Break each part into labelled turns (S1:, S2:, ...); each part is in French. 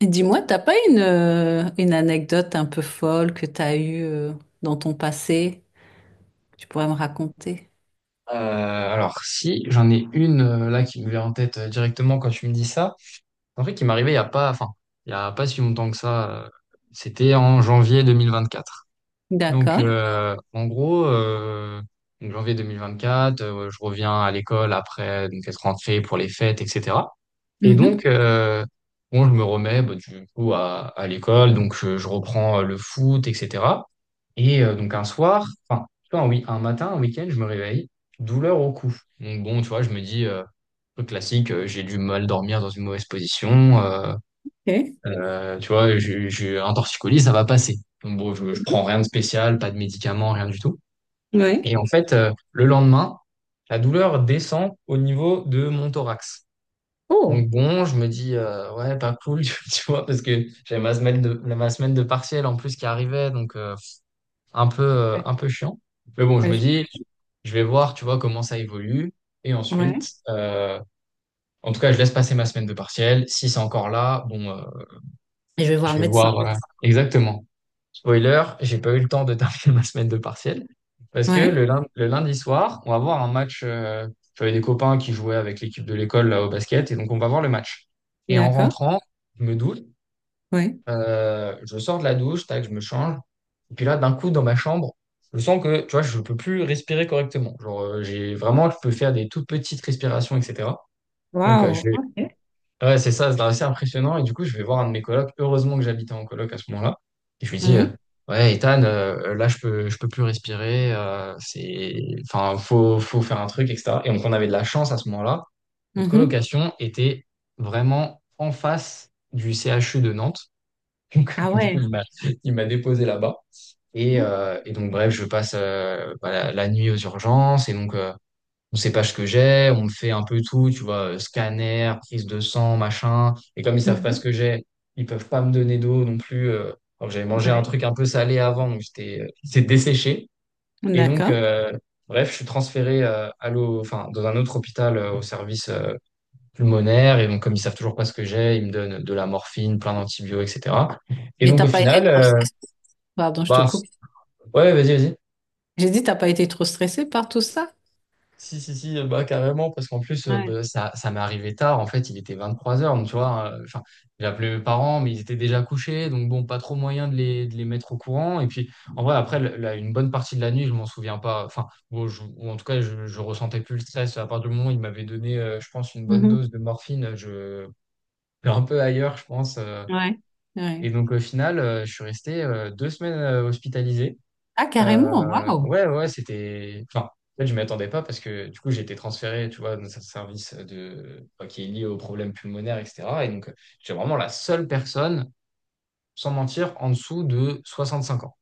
S1: Et dis-moi, t'as pas une anecdote un peu folle que t'as eue dans ton passé, que tu pourrais me raconter?
S2: Alors si, j'en ai une là qui me vient en tête directement quand tu me dis ça. En fait, qui m'arrivait il y a pas, enfin, il y a pas si longtemps que ça. C'était en janvier 2024.
S1: D'accord.
S2: En gros, donc janvier 2024, je reviens à l'école après donc être rentré pour les fêtes, etc. Et
S1: Mhm.
S2: donc bon, je me remets bah, du coup à l'école, donc je reprends le foot, etc. Et donc un soir, enfin, tu vois, un, oui, un matin, un week-end, je me réveille, douleur au cou. Donc bon, tu vois, je me dis, truc classique, j'ai du mal dormir dans une mauvaise position,
S1: Ok.
S2: tu vois, j'ai un torticolis, ça va passer. Donc bon, je prends rien de spécial, pas de médicaments, rien du tout.
S1: Ouais.
S2: Et en fait, le lendemain, la douleur descend au niveau de mon thorax.
S1: Oh.
S2: Donc bon, je me dis, ouais, pas cool, tu vois, parce que j'avais ma semaine de partiel en plus qui arrivait, donc un peu chiant. Mais bon, je
S1: Ouais.
S2: me
S1: je
S2: dis, je vais voir, tu vois, comment ça évolue. Et
S1: ouais.
S2: ensuite, en tout cas, je laisse passer ma semaine de partiel. Si c'est encore là, bon,
S1: Et je vais
S2: je
S1: voir le
S2: vais
S1: médecin.
S2: voir. Exactement. Spoiler, j'ai pas eu le temps de terminer ma semaine de partiel. Parce que
S1: Ouais.
S2: le lundi soir, on va voir un match. J'avais des copains qui jouaient avec l'équipe de l'école là, au basket. Et donc, on va voir le match. Et en
S1: D'accord.
S2: rentrant, je me doute.
S1: Ouais.
S2: Je sors de la douche, tac, je me change. Et puis là, d'un coup, dans ma chambre, je sens que, tu vois, je peux plus respirer correctement. Genre, j'ai vraiment, je peux faire des toutes petites respirations, etc. Donc, je
S1: Waouh.
S2: vais.
S1: Ok.
S2: Ouais, c'est ça, c'est assez impressionnant. Et du coup, je vais voir un de mes colocs. Heureusement que j'habitais en coloc à ce moment-là. Et je lui dis,
S1: Ouais.
S2: ouais, Ethan, là, je peux plus respirer. C'est, enfin, faut faire un truc, etc. Et donc, on avait de la chance à ce moment-là. Notre
S1: Mhm.
S2: colocation était vraiment en face du CHU de Nantes.
S1: Ah
S2: Du coup,
S1: ouais.
S2: il m'a déposé là-bas. Et, et donc, bref, je passe bah, la nuit aux urgences. Et donc, on sait pas ce que j'ai. On me fait un peu tout, tu vois, scanner, prise de sang, machin. Et comme ils savent pas ce
S1: Mhm.
S2: que j'ai, ils peuvent pas me donner d'eau non plus. Alors, j'avais mangé un
S1: Ouais.
S2: truc un peu salé avant, donc j'étais, j'étais desséché. Et donc,
S1: D'accord.
S2: bref, je suis transféré à l'eau, enfin, dans un autre hôpital au service pulmonaire. Et donc, comme ils savent toujours pas ce que j'ai, ils me donnent de la morphine, plein d'antibiotiques, etc. Et
S1: Et
S2: donc,
S1: t'as
S2: au
S1: pas été
S2: final,
S1: trop stressée? Pardon, je te
S2: bah,
S1: coupe.
S2: ouais, vas-y, vas-y.
S1: J'ai dit t'as pas été trop stressée par tout ça?
S2: Si, si, si, bah, carrément, parce qu'en plus,
S1: Ouais.
S2: bah, ça m'est arrivé tard. En fait, il était 23h, donc tu vois. Enfin, j'ai appelé mes parents, mais ils étaient déjà couchés, donc bon, pas trop moyen de les, mettre au courant. Et puis, en vrai, après, une bonne partie de la nuit, je m'en souviens pas. Enfin, bon, ou en tout cas, je ressentais plus le stress. À partir du moment où ils m'avaient donné, je pense, une bonne
S1: Mhm.
S2: dose de morphine, je j'étais un peu ailleurs, je pense.
S1: Ouais. Ouais.
S2: Et donc, au final, je suis resté 2 semaines hospitalisé.
S1: Ah,
S2: euh,
S1: carrément. Waouh.
S2: Ouais, ouais, ouais, c'était. Enfin, en fait, je m'y attendais pas parce que du coup, j'ai été transféré, tu vois, dans un service de. Enfin, qui est lié aux problèmes pulmonaires, etc. Et donc, j'étais vraiment la seule personne, sans mentir, en dessous de 65 ans.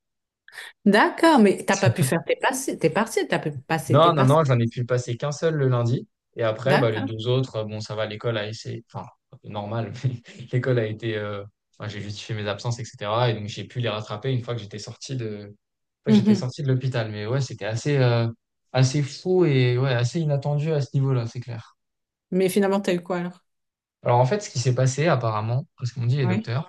S1: D'accord, mais t'as pas pu faire tes passés, tes partiels, t'as pu passer tes
S2: Non, non,
S1: partiels.
S2: non, j'en ai pu passer qu'un seul le lundi. Et après, bah, les
S1: D'accord.
S2: deux autres, bon, ça va, l'école a essayé, enfin, normal, mais l'école a été, enfin, j'ai justifié mes absences, etc. Et donc, j'ai pu les rattraper une fois que j'étais
S1: Mhm.
S2: sorti de l'hôpital. Mais ouais, c'était assez, assez fou et ouais, assez inattendu à ce niveau-là, c'est clair.
S1: Mais finalement, t'as eu quoi alors?
S2: Alors, en fait, ce qui s'est passé, apparemment, parce qu'on dit les
S1: Oui.
S2: docteurs,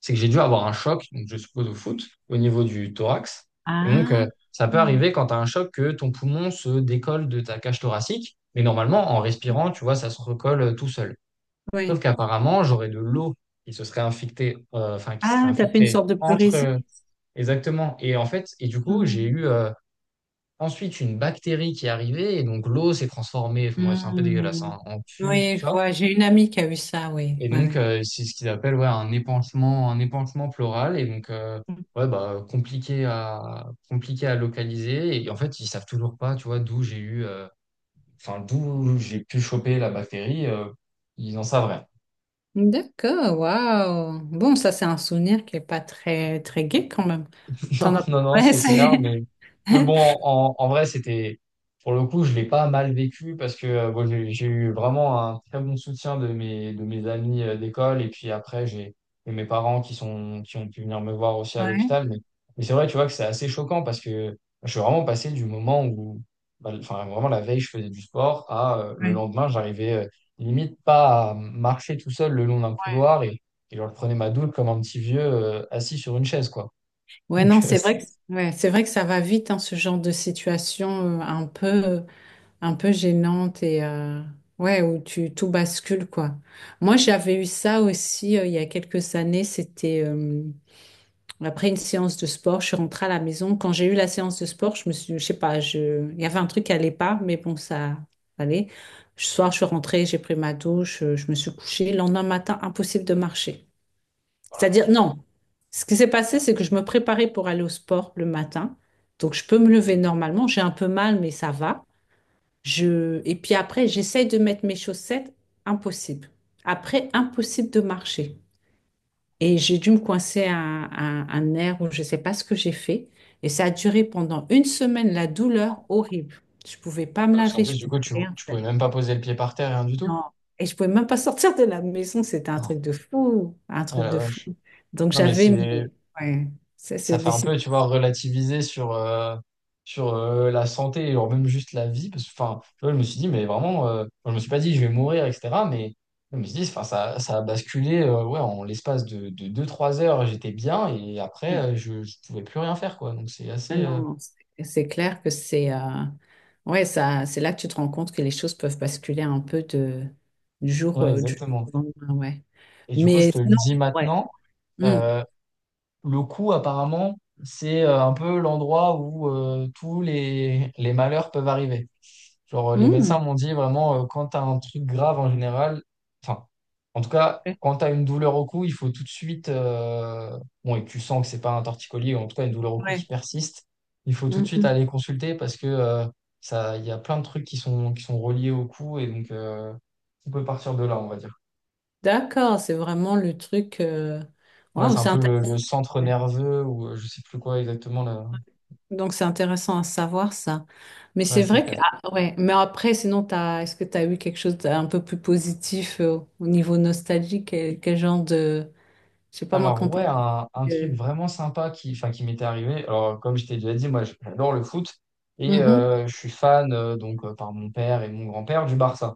S2: c'est que j'ai dû avoir un choc, donc je suppose au foot, au niveau du thorax. Et donc,
S1: Ah,
S2: ça peut
S1: mm,
S2: arriver quand tu as un choc que ton poumon se décolle de ta cage thoracique, mais normalement, en respirant, tu vois, ça se recolle tout seul. Sauf
S1: oui.
S2: qu'apparemment, j'aurais de l'eau qui se serait infectée, enfin, qui serait
S1: Ah, t'as fait une
S2: infiltrée
S1: sorte de
S2: entre.
S1: pleurésie.
S2: Exactement. Et en fait, et du coup, j'ai
S1: Mm.
S2: eu ensuite une bactérie qui est arrivée, et donc l'eau s'est transformée, enfin, bref, c'est un peu dégueulasse,
S1: Mm.
S2: hein, en pus, tout
S1: Oui, je
S2: ça.
S1: vois. J'ai une amie qui a eu ça, oui.
S2: Et
S1: Oui,
S2: donc,
S1: oui.
S2: c'est ce qu'ils appellent ouais, un épanchement pleural. Et donc, ouais, bah, compliqué compliqué à localiser. Et en fait, ils savent toujours pas, tu vois, d'où j'ai eu, enfin, d'où j'ai pu choper la bactérie. Ils en savent rien.
S1: Mm. D'accord, waouh. Bon, ça, c'est un souvenir qui est pas très gai quand même. T'en
S2: Non,
S1: as...
S2: non, non,
S1: Ouais,
S2: c'est
S1: c'est...
S2: clair, mais, bon, vrai, c'était, pour le coup, je l'ai pas mal vécu parce que bon, j'ai eu vraiment un très bon soutien de mes amis d'école et puis après, j'ai et mes parents qui sont, qui ont pu venir me voir aussi à
S1: Ouais,
S2: l'hôpital. Mais, c'est vrai, tu vois, que c'est assez choquant parce que je suis vraiment passé du moment où, bah, enfin, vraiment la veille, je faisais du sport à le
S1: ouais.
S2: lendemain, j'arrivais limite pas à marcher tout seul le long d'un couloir et, genre, je prenais ma douche comme un petit vieux assis sur une chaise, quoi.
S1: Ouais,
S2: Donc,
S1: non, ouais, c'est vrai que ça va vite, hein, ce genre de situation, un peu. Un peu gênante et ouais, où tu tout bascule quoi. Moi, j'avais eu ça aussi, il y a quelques années. C'était Après une séance de sport, je suis rentrée à la maison. Quand j'ai eu la séance de sport, je sais pas, il y avait un truc qui allait pas, mais bon, ça allait. Le soir, je suis rentrée, j'ai pris ma douche, je me suis couchée. Le lendemain matin, impossible de marcher.
S2: oh la
S1: C'est-à-dire,
S2: vache.
S1: non. Ce qui s'est passé, c'est que je me préparais pour aller au sport le matin. Donc, je peux me lever normalement. J'ai un peu mal, mais ça va. Je... Et puis après, j'essaye de mettre mes chaussettes, impossible. Après, impossible de marcher. Et j'ai dû me coincer à un nerf où je ne sais pas ce que j'ai fait. Et ça a duré pendant une semaine, la douleur horrible. Je ne pouvais pas me
S2: Ah, parce qu'en
S1: laver,
S2: plus,
S1: je ne
S2: du coup,
S1: pouvais rien
S2: tu pouvais
S1: faire.
S2: même pas poser le pied par terre, rien du tout.
S1: Non. Et je pouvais même pas sortir de la maison. C'était un
S2: Oh,
S1: truc de fou, un
S2: oh
S1: truc
S2: la
S1: de fou.
S2: vache.
S1: Donc
S2: Non, mais
S1: j'avais
S2: c'est,
S1: mes... ouais. Ça,
S2: ça
S1: c'est
S2: fait
S1: des
S2: un peu, tu
S1: situations.
S2: vois, relativiser sur, sur la santé, et même juste la vie. Parce que, enfin, tu vois, je me suis dit, mais vraiment, enfin, je me suis pas dit, je vais mourir, etc. Mais je me suis dit, enfin, ça a basculé, ouais, en l'espace de deux trois heures, j'étais bien, et après,
S1: Ouais.
S2: je pouvais plus rien faire, quoi. Donc, c'est
S1: Ah
S2: assez,
S1: non, non, c'est clair que c'est ouais, ça, c'est là que tu te rends compte que les choses peuvent basculer un peu du jour,
S2: ouais,
S1: euh, du jour
S2: exactement.
S1: au lendemain, ouais.
S2: Et du coup, je
S1: Mais
S2: te le
S1: sinon,
S2: dis
S1: ouais.
S2: maintenant.
S1: Mm.
S2: euh, Le cou, apparemment, c'est un peu l'endroit où tous les malheurs peuvent arriver. Genre, les médecins
S1: Mm.
S2: m'ont dit vraiment, quand tu as un truc grave en général, enfin, en tout cas,
S1: Ouais.
S2: quand tu as une douleur au cou, il faut tout de suite, bon, et que tu sens que c'est pas un torticolis, ou en tout cas une douleur au cou qui
S1: Ouais.
S2: persiste, il faut tout de suite
S1: Mhm.
S2: aller consulter parce que ça, il y a plein de trucs qui sont reliés au cou et donc on peut partir de là, on va dire.
S1: D'accord, c'est vraiment le truc.
S2: Ouais,
S1: Waouh,
S2: c'est un
S1: c'est
S2: peu
S1: intéressant.
S2: le centre nerveux ou je sais plus quoi exactement là.
S1: Donc c'est intéressant à savoir ça. Mais
S2: Ouais,
S1: c'est
S2: c'est
S1: vrai que
S2: clair.
S1: ah, ouais, mais après sinon t'as est-ce que tu as eu quelque chose d'un peu plus positif au niveau nostalgique quel genre de je sais pas moi quand
S2: Alors ouais,
S1: t'es
S2: un truc
S1: euh,
S2: vraiment sympa qui, enfin, qui m'était arrivé. Alors comme je t'ai déjà dit, moi j'adore le foot et
S1: mhm,
S2: je suis fan par mon père et mon grand-père du Barça.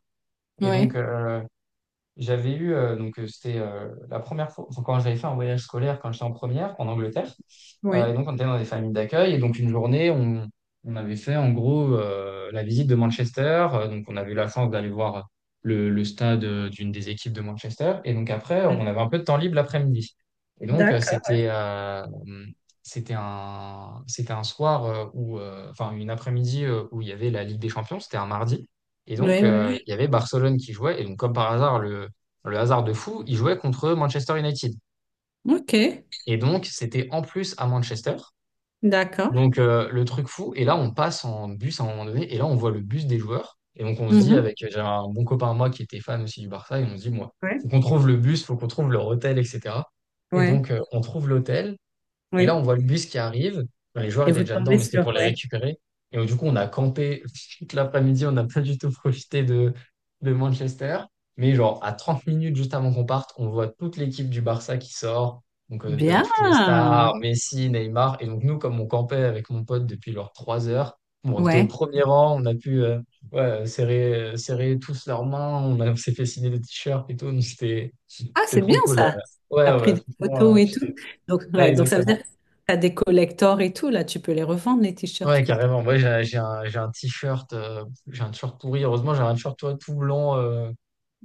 S2: Et donc
S1: ouais,
S2: euh, j'avais eu, c'était la première fois, enfin, quand j'avais fait un voyage scolaire quand j'étais en première en Angleterre. Et
S1: ouais.
S2: donc on était dans des familles d'accueil. Et donc une journée, on avait fait en gros la visite de Manchester. Donc on avait eu la chance d'aller voir le stade d'une des équipes de Manchester. Et donc après,
S1: Ouais,
S2: on avait un peu de temps libre l'après-midi. Et donc
S1: D'accord.
S2: c'était un soir où, enfin une après-midi où il y avait la Ligue des Champions. C'était un mardi. Et donc,
S1: ouais. ouais.
S2: il y avait Barcelone qui jouait. Et donc, comme par hasard, le hasard de fou, il jouait contre Manchester United.
S1: OK.
S2: Et donc, c'était en plus à Manchester.
S1: D'accord.
S2: Donc, le truc fou. Et là, on passe en bus à un moment donné. Et là, on voit le bus des joueurs. Et donc, on se dit, avec
S1: Mhm.
S2: j'ai un bon copain à moi qui était fan aussi du Barça, et on se dit, moi,
S1: Ouais.
S2: faut qu'on trouve le bus, faut qu'on trouve leur hôtel, etc. Et
S1: Ouais,
S2: donc, on trouve l'hôtel. Et là,
S1: ouais.
S2: on voit le bus qui arrive. Enfin, les joueurs
S1: Et
S2: étaient
S1: vous
S2: déjà dedans,
S1: tombez
S2: mais c'était
S1: sur,
S2: pour les
S1: ouais.
S2: récupérer. Et donc, du coup, on a campé toute l'après-midi. On n'a pas du tout profité de, Manchester. Mais genre, à 30 minutes juste avant qu'on parte, on voit toute l'équipe du Barça qui sort. Donc, t'as eu
S1: Bien.
S2: toutes les stars, Messi, Neymar. Et donc, nous, comme on campait avec mon pote depuis genre 3 heures, bon, on était au
S1: Ouais.
S2: premier rang. On a pu ouais, serrer, serrer tous leurs mains. On s'est fait signer des t-shirts et tout. Donc, c'était
S1: Ah, c'est
S2: trop
S1: bien
S2: cool.
S1: ça.
S2: Ouais,
S1: T'as pris
S2: ouais,
S1: des
S2: franchement,
S1: photos et tout.
S2: j'étais.
S1: Donc,
S2: Ouais,
S1: ouais, donc ça veut dire
S2: exactement.
S1: que t'as des collectors et tout. Là, tu peux les revendre, les t-shirts
S2: Ouais,
S1: que t'as.
S2: carrément. Moi, j'ai un t-shirt pourri. Heureusement, j'ai un t-shirt toi,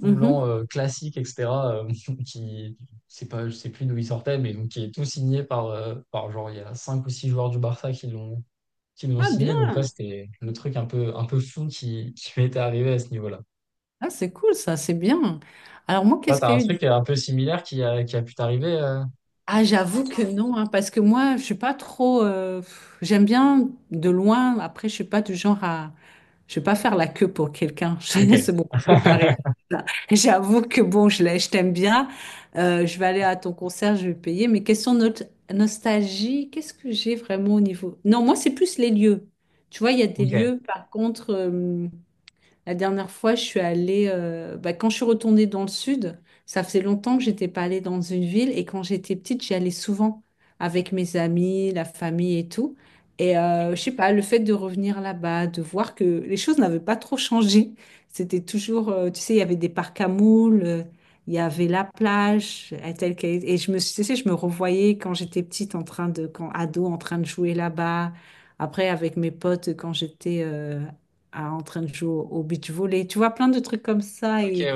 S2: tout blanc classique, etc. euh, qui, c'est pas, je sais plus d'où il sortait, mais donc qui est tout signé par, par genre il y a 5 ou 6 joueurs du Barça qui l'ont
S1: Ah,
S2: signé. Donc ouais,
S1: bien.
S2: c'était le truc un peu fou qui, m'était arrivé à ce niveau-là.
S1: Ah, c'est cool ça, c'est bien. Alors moi,
S2: Toi,
S1: qu'est-ce
S2: t'as
S1: qu'il y
S2: un
S1: a eu.
S2: truc un peu similaire qui a pu t'arriver.
S1: Ah, j'avoue que non, hein, parce que moi, je suis pas trop. Pff, j'aime bien de loin. Après, je suis pas du genre à. Je vais pas faire la queue pour quelqu'un.
S2: Ok,
S1: C'est beaucoup séparé. J'avoue que bon, je t'aime bien. Je vais aller à ton concert, je vais payer. Mais question nostalgie, qu'est-ce que j'ai vraiment au niveau? Non, moi, c'est plus les lieux. Tu vois, il y a des
S2: ok,
S1: lieux, par contre. La dernière fois, je suis allée, bah, quand je suis retournée dans le sud, ça faisait longtemps que j'étais pas allée dans une ville et quand j'étais petite, j'y allais souvent avec mes amis, la famille et tout. Et je sais pas, le fait de revenir là-bas, de voir que les choses n'avaient pas trop changé, c'était toujours, tu sais, il y avait des parcs à moules, il y avait la plage, et tu sais, je me revoyais quand j'étais petite en train de, quand ado, en train de jouer là-bas. Après, avec mes potes, quand j'étais en train de jouer au beach volley. Tu vois, plein de trucs comme ça.
S2: ok,
S1: Et,
S2: ouais,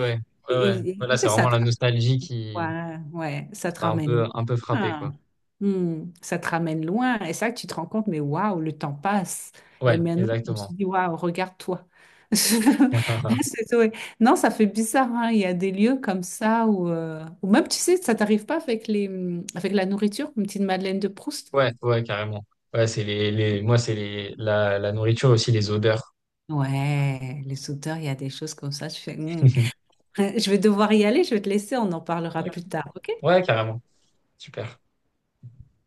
S2: ouais, ouais.
S1: et
S2: Voilà,
S1: tu
S2: c'est
S1: sais,
S2: vraiment la nostalgie qui,
S1: ouais, ouais, ça te
S2: t'a
S1: ramène
S2: un peu frappé, quoi.
S1: loin. Hmm, ça te ramène loin. Et ça, tu te rends compte, mais waouh, le temps passe. Et
S2: Ouais,
S1: maintenant, je me
S2: exactement.
S1: suis dit, waouh, regarde-toi.
S2: Ah, ah, ah.
S1: C'est- ouais. Non, ça fait bizarre, hein. Il y a des lieux comme ça où, où même, tu sais, ça t'arrive pas avec les, avec la nourriture, une petite Madeleine de Proust.
S2: Ouais, ouais, carrément. Ouais, c'est les, moi, c'est la nourriture aussi, les odeurs.
S1: Ouais, les sauteurs, il y a des choses comme ça. Tu fais, Hmm. Ouais, je vais devoir y aller, je vais te laisser, on en parlera
S2: Ouais,
S1: plus tard, ok?
S2: ouais, carrément. Super.